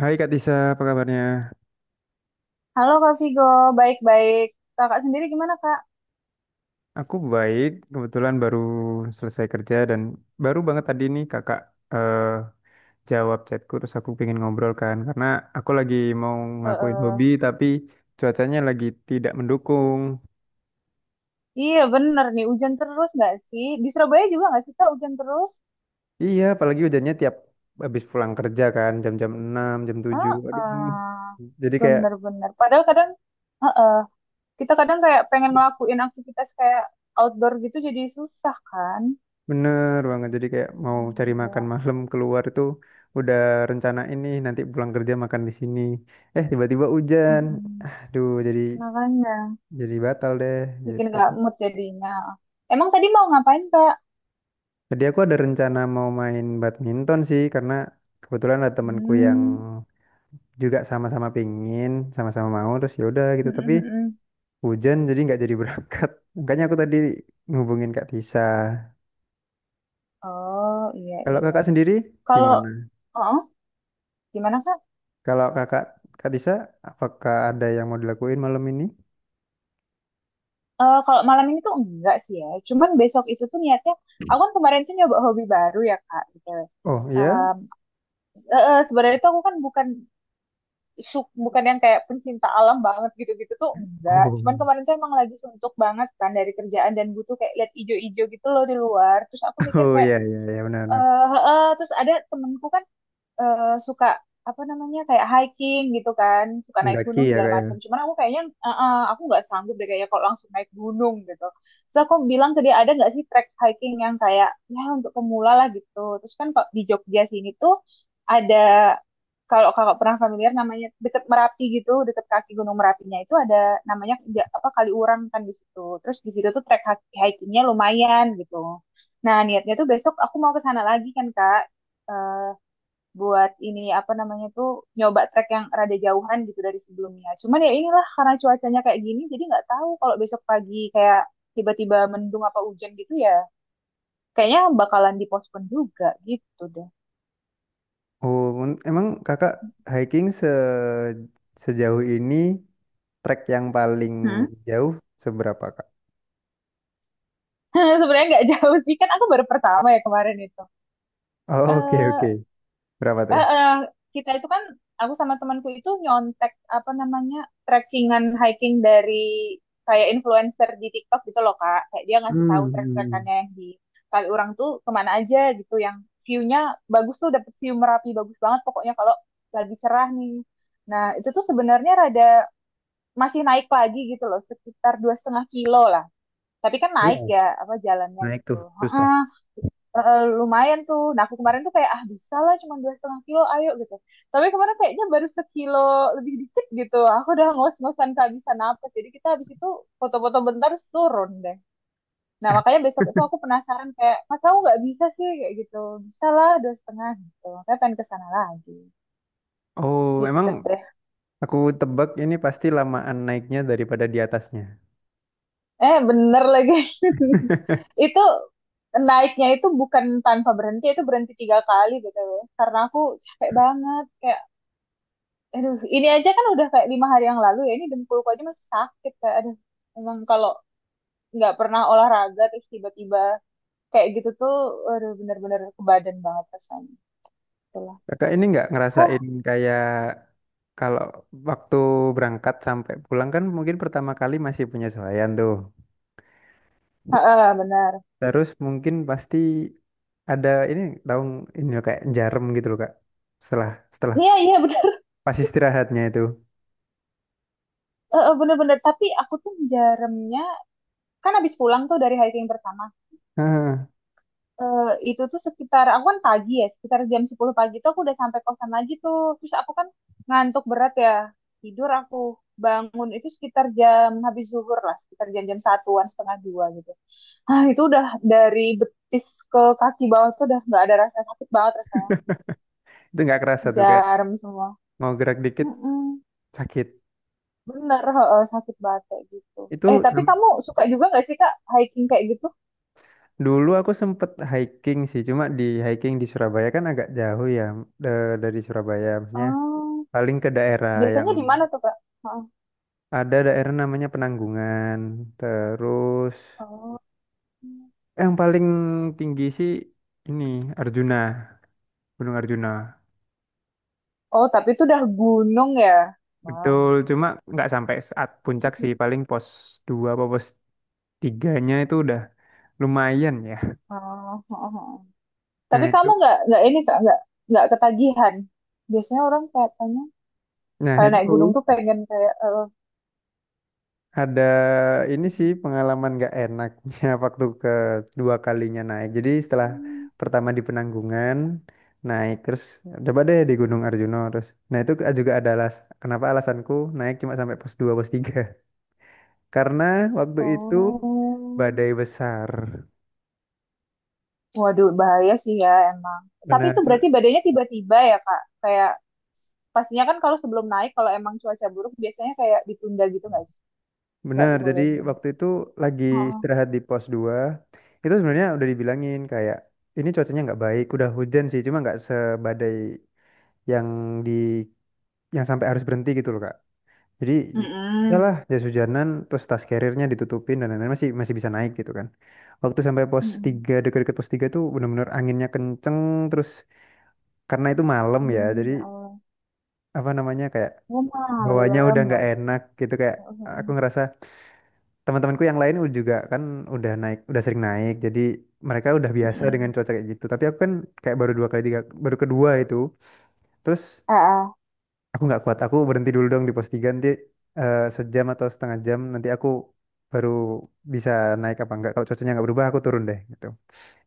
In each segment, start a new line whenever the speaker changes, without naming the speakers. Hai Kak Tisa, apa kabarnya?
Halo Kak Vigo, baik-baik. Kakak sendiri gimana Kak?
Aku baik, kebetulan baru selesai kerja dan baru banget tadi nih kakak eh, jawab chatku, terus aku pengen ngobrol kan, karena aku lagi mau
Eh,
ngakuin hobi
eh.
tapi cuacanya lagi tidak mendukung.
Iya bener nih, hujan terus nggak sih? Di Surabaya juga nggak sih Kak hujan terus?
Iya, apalagi hujannya tiap habis pulang kerja kan jam-jam 6, jam 7.
Ah,
Aduh.
ah.
Jadi kayak,
Bener-bener. Padahal kadang, eh, eh, kita kadang kayak pengen ngelakuin aktivitas kayak outdoor gitu jadi susah kan?
bener banget, jadi kayak mau cari
Hmm.
makan
Ya.
malam keluar itu udah rencana ini nanti pulang kerja makan di sini. Eh, tiba-tiba hujan.
Mm-mm.
Aduh, jadi
Makanya
jadi batal deh
bikin
gitu.
nggak mood jadinya. Emang tadi mau ngapain Kak?
Jadi aku ada rencana mau main badminton sih, karena kebetulan ada temanku yang
Hmm.
juga sama-sama pingin, sama-sama mau, terus ya udah gitu. Tapi
Mm-mm-mm.
hujan jadi nggak jadi berangkat. Makanya aku tadi ngubungin Kak Tisa.
Oh, iya,
Kalau
iya.
kakak sendiri
Kalau,
gimana?
oh gimana Kak?
Kalau kakak Kak Tisa, apakah ada yang mau dilakuin malam ini?
Kalau malam ini tuh enggak sih ya. Cuman besok itu tuh niatnya, aku kan kemarin sih nyoba hobi baru ya Kak. Gitu.
Oh iya?
Em, sebenarnya tuh aku kan bukan bukan yang kayak pencinta alam banget gitu-gitu tuh enggak. Cuman
Oh.
kemarin tuh emang lagi suntuk banget kan dari kerjaan dan butuh kayak lihat ijo-ijo gitu loh di luar. Terus aku mikir
Oh,
kayak,
iya iya iya, benar-benar.
terus ada temenku kan suka apa namanya kayak hiking gitu kan, suka naik
Mendaki
gunung
ya
segala
kak
macam.
ya.
Cuman aku kayaknya aku nggak sanggup deh kayaknya kalau langsung naik gunung gitu. Terus aku bilang ke dia ada nggak sih trek hiking yang kayak ya untuk pemula lah gitu. Terus kan kok di Jogja sini tuh ada kalau kakak pernah familiar namanya deket Merapi gitu, deket kaki Gunung Merapinya itu ada namanya apa kali Urang kan di situ. Terus di situ tuh trek hikingnya lumayan gitu. Nah niatnya tuh besok aku mau ke sana lagi kan kak. Eh, buat ini apa namanya tuh nyoba trek yang rada jauhan gitu dari sebelumnya. Cuman ya inilah karena cuacanya kayak gini jadi nggak tahu kalau besok pagi kayak tiba-tiba mendung apa hujan gitu ya kayaknya bakalan dipospon juga gitu deh.
Oh, emang kakak hiking sejauh ini, trek yang paling
Hmm?
jauh seberapa kak?
Sebenarnya nggak jauh sih kan aku baru pertama ya kemarin itu.
Oh, oke
Eh
oke, berapa tuh?
eh, eh, kita itu kan aku sama temanku itu nyontek apa namanya trekkingan hiking dari kayak influencer di TikTok gitu loh Kak. Kayak dia ngasih tahu
Hmm, hmm, hmm.
trek-trekannya yang di Kaliurang tuh kemana aja gitu yang view-nya bagus tuh dapet view Merapi bagus banget pokoknya kalau lagi cerah nih. Nah, itu tuh sebenarnya rada masih naik lagi gitu loh, sekitar 2,5 kilo lah. Tapi kan naik
Wow,
ya apa jalannya
naik
gitu.
tuh susah.
Heeh. Lumayan tuh. Nah aku kemarin tuh kayak ah bisa lah cuma 2,5 kilo ayo gitu. Tapi kemarin kayaknya baru 1 kilo lebih dikit gitu. Aku udah ngos-ngosan kehabisan napas. Jadi kita habis itu foto-foto bentar terus turun deh. Nah makanya besok itu aku penasaran kayak mas kamu nggak bisa sih kayak gitu. Bisa lah 2,5 gitu. Makanya pengen ke sana lagi.
Oh, emang
Gitu deh.
aku tebak ini pasti lamaan naiknya daripada di atasnya.
Eh bener lagi. itu naiknya itu bukan tanpa berhenti itu berhenti 3 kali gitu loh. Karena aku capek banget kayak aduh, ini aja kan udah kayak 5 hari yang lalu ya. Ini dengkulku aja masih sakit. Kayak, aduh, emang kalau nggak pernah olahraga terus tiba-tiba kayak gitu tuh, aduh bener-bener ke badan banget rasanya. Itulah.
Kakak ini nggak
Hah.
ngerasain kayak, kalau waktu berangkat sampai pulang kan mungkin pertama kali masih penyesuaian tuh?
Heeh, benar.
Terus mungkin pasti ada ini, tahu ini loh, kayak jarum gitu loh kak, setelah setelah
Iya, iya benar.
pas istirahatnya itu.
Heeh. Bener-bener. Tapi aku tuh jarumnya, kan abis pulang tuh dari hiking pertama.
Heeh,
eh, itu tuh sekitar aku kan pagi ya sekitar jam 10 pagi tuh aku udah sampai kosan lagi tuh terus aku kan ngantuk berat ya tidur aku bangun itu sekitar jam habis zuhur lah sekitar jam-jam satuan setengah 2 gitu ah itu udah dari betis ke kaki bawah tuh udah nggak ada rasa sakit banget rasanya
itu nggak kerasa tuh kayak
jarum semua.
mau gerak dikit
Mm-mm.
sakit
Bener heeh, sakit banget kayak gitu.
itu.
Eh tapi
Hem,
kamu suka juga nggak sih kak hiking kayak gitu
dulu aku sempet hiking sih, cuma di hiking di Surabaya kan agak jauh ya, dari Surabaya maksudnya.
oh
Paling ke daerah yang
biasanya di mana tuh kak. Heeh.
ada, daerah namanya Penanggungan. Terus
Oh.
yang paling tinggi sih ini Arjuna, Gunung Arjuna.
Oh, tapi itu udah gunung ya. Wow.
Betul, cuma nggak sampai saat puncak sih, paling pos 2 apa pos tiganya itu udah lumayan ya.
Oh, oh, oh, oh. Tapi
Nah
kamu
itu,
nggak ini kak nggak ketagihan. Biasanya orang katanya
nah
sekali naik gunung
itu
tuh pengen kayak eh,
ada ini sih, pengalaman nggak enaknya waktu kedua kalinya naik. Jadi setelah
hmm,
pertama di Penanggungan naik, terus coba deh di Gunung Arjuna. Terus, nah itu juga ada kenapa alasanku naik cuma sampai pos 2 pos tiga. Karena waktu itu
oh,
badai besar.
waduh bahaya sih ya emang. Tapi
Benar.
itu berarti badannya tiba-tiba ya kak. Kayak pastinya kan kalau sebelum naik kalau emang cuaca buruk biasanya kayak ditunda gitu nggak sih? Nggak
Benar, jadi
dibolehin.
waktu itu lagi
Oh.
istirahat di pos dua, itu sebenarnya udah dibilangin kayak, ini cuacanya nggak baik, udah hujan sih, cuma nggak sebadai yang di yang sampai harus berhenti gitu loh Kak. Jadi udahlah
Mm-mm.
jas hujanan, terus tas carrier-nya ditutupin dan lain-lain, masih masih bisa naik gitu kan. Waktu sampai pos
Mm-mm.
tiga, dekat-dekat pos 3 tuh bener-bener anginnya kenceng. Terus karena itu malam ya,
Hmm,
jadi
ya Allah.
apa namanya kayak
Oh,
bawahnya
malam,
udah nggak
waduh.
enak gitu, kayak aku
Mm-mm.
ngerasa teman-temanku yang lain udah juga kan, udah naik udah sering naik, jadi mereka udah biasa dengan
Mm-mm.
cuaca kayak gitu tapi aku kan kayak baru dua kali tiga, baru kedua itu. Terus
Ah, ah.
aku nggak kuat, aku berhenti dulu dong di pos tiga. Nanti sejam atau setengah jam nanti aku baru bisa naik apa enggak, kalau cuacanya nggak berubah aku turun deh gitu.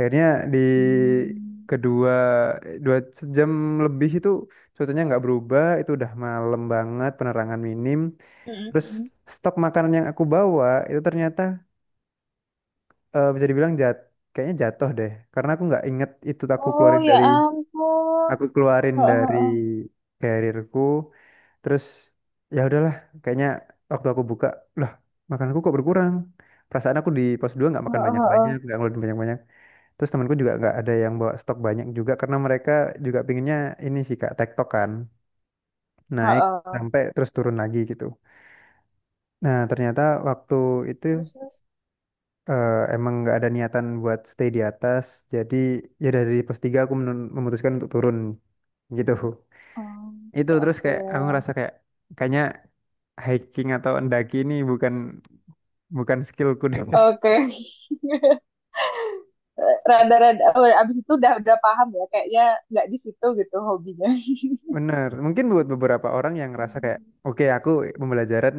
Akhirnya di
Hmm.
kedua 2 jam lebih itu cuacanya nggak berubah, itu udah malam banget, penerangan minim. Terus
Mm-mm.
stok makanan yang aku bawa itu ternyata, bisa dibilang kayaknya jatuh deh, karena aku nggak inget itu,
Ah.
aku
Oh
keluarin
ya
dari
ampun.
aku keluarin
Heeh,
dari
heeh,
karirku. Terus ya udahlah, kayaknya waktu aku buka, lah, makananku kok berkurang? Perasaan aku di pos 2 nggak makan banyak-banyak,
heeh,
nggak ngeluarin banyak-banyak. Terus temanku juga nggak ada yang bawa stok banyak juga, karena mereka juga pinginnya ini sih kak tektok kan,
heeh,
naik
heeh.
sampai terus turun lagi gitu. Nah ternyata waktu itu,
Terus, terus.
emang nggak ada niatan buat stay di atas. Jadi ya dari pos 3 aku memutuskan untuk turun gitu.
Oh.
Itu
Oke,
terus
oke,
kayak aku ngerasa kayak, kayaknya hiking atau mendaki ini bukan bukan skillku deh.
oke. Rada-rada. Oh, abis itu udah paham ya. Kayaknya nggak di situ gitu hobinya.
Bener, mungkin buat beberapa orang yang ngerasa kayak,
Hmm.
oke aku pembelajaran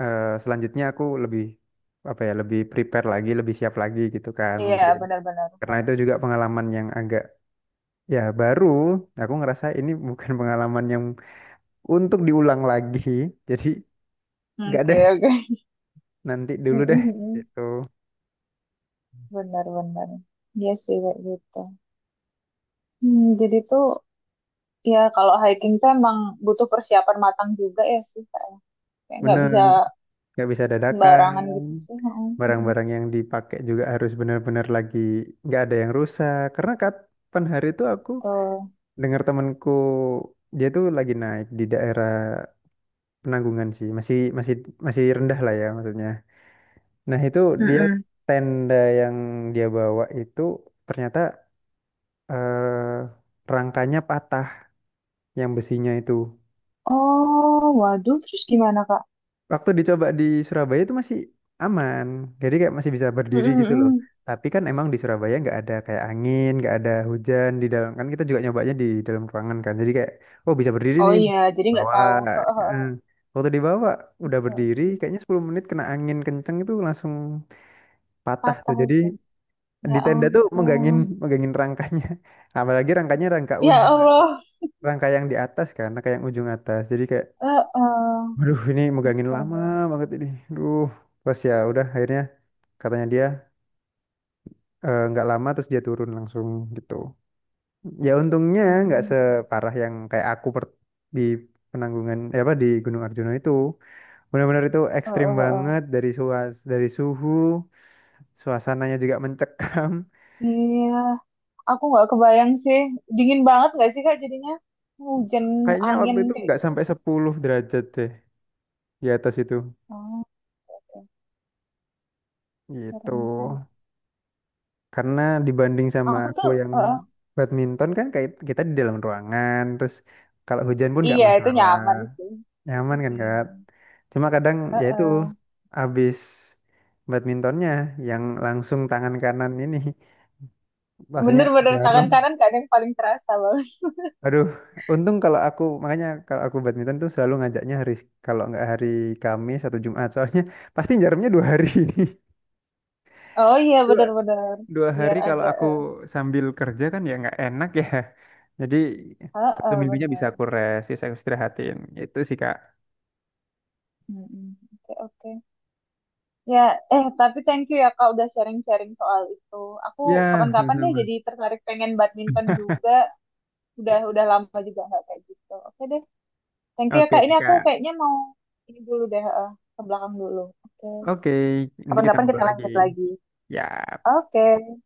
selanjutnya aku lebih, apa ya, lebih prepare lagi, lebih siap lagi gitu kan
Iya
mungkin.
benar-benar.
Karena
Heeh.
itu juga pengalaman yang agak, ya, baru, aku ngerasa ini bukan pengalaman yang untuk diulang lagi. Jadi nggak
Oke,
deh,
oke.
nanti dulu deh
Mm-mm.
gitu.
Benar-benar. Iya sih kayak gitu. Hmm, jadi tuh. Iya, kalau hiking tuh emang butuh persiapan matang juga ya sih kayaknya. Kayak nggak
Bener,
bisa
nggak bisa
sembarangan
dadakan.
gitu sih. Heeh, heeh.
Barang-barang yang dipakai juga harus benar-benar lagi nggak ada yang rusak. Karena kapan hari itu aku
Tuh.
dengar temanku, dia tuh lagi naik di daerah Penanggungan sih, masih masih masih rendah lah ya maksudnya. Nah itu dia,
Mm.
tenda yang dia bawa itu ternyata, rangkanya patah yang besinya itu.
Oh, waduh, terus gimana Kak?
Waktu dicoba di Surabaya itu masih aman, jadi kayak masih bisa berdiri
Heeh,
gitu loh.
heeh.
Tapi kan emang di Surabaya nggak ada kayak angin, nggak ada hujan di dalam kan, kita juga nyobanya di dalam ruangan kan, jadi kayak, oh bisa berdiri
Oh
nih.
iya, jadi nggak
bawa
tahu. Heeh, heeh.
eh, waktu dibawa udah
Oke,
berdiri
oke.
kayaknya 10 menit kena angin kenceng, itu langsung patah tuh.
Patah
Jadi
itu. Ya
di tenda tuh megangin
ampun.
megangin rangkanya. Apalagi rangkanya rangka
Ya
ujung,
Allah.
rangka yang di atas kan, rangka yang ujung atas, jadi kayak,
Heeh.
aduh, ini megangin lama
Astaga.
banget ini. Aduh, pas ya udah akhirnya, katanya dia, nggak lama terus dia turun langsung gitu. Ya untungnya nggak
Hmm.
separah yang kayak aku di Penanggungan, eh, apa di Gunung Arjuna itu. Benar-benar itu
Heeh,
ekstrim
heeh, heeh.
banget, dari suhu, suasananya juga mencekam.
Iya, aku nggak kebayang sih. Dingin banget nggak sih Kak jadinya? Hujan,
Kayaknya
angin
waktu itu
kayak
nggak
gitu.
sampai 10 derajat deh di atas itu.
Oh, oke.
Gitu.
Serem sih.
Karena dibanding sama
Aku
aku
tuh,
yang
heeh.
badminton kan, kayak kita di dalam ruangan, terus kalau hujan pun nggak
Iya itu
masalah,
nyaman sih.
nyaman kan
Iya.
Kak. Cuma kadang ya itu
Heeh.
habis badmintonnya yang langsung tangan kanan ini rasanya
Bener-bener tangan
jarum.
kanan kadang paling terasa banget.
Aduh, untung kalau aku, makanya kalau aku badminton tuh selalu ngajaknya hari, kalau nggak hari Kamis atau Jumat, soalnya pasti jarumnya 2 hari ini.
Oh iya bener-bener.
2 hari
Biar
kalau
ada,
aku
eh,
sambil kerja kan ya nggak enak ya. Jadi satu
heeh
minggunya bisa
bener.
aku rest, bisa aku istirahatin. Itu sih Kak.
Mm-mm. Oke, oke. Ya, eh tapi thank you ya Kak udah sharing-sharing soal itu. Aku
Ya,
kapan-kapan deh
sama-sama.
jadi tertarik pengen badminton juga. Udah lama juga nggak kayak gitu. Oke deh. Thank you ya
Oke
Kak. Ini
nih
aku
Kak.
kayaknya mau ini dulu deh, ke belakang dulu. Oke.
Oke, nanti kita
Kapan-kapan kita
ngobrol lagi.
lanjut lagi.
Ya.
Oke.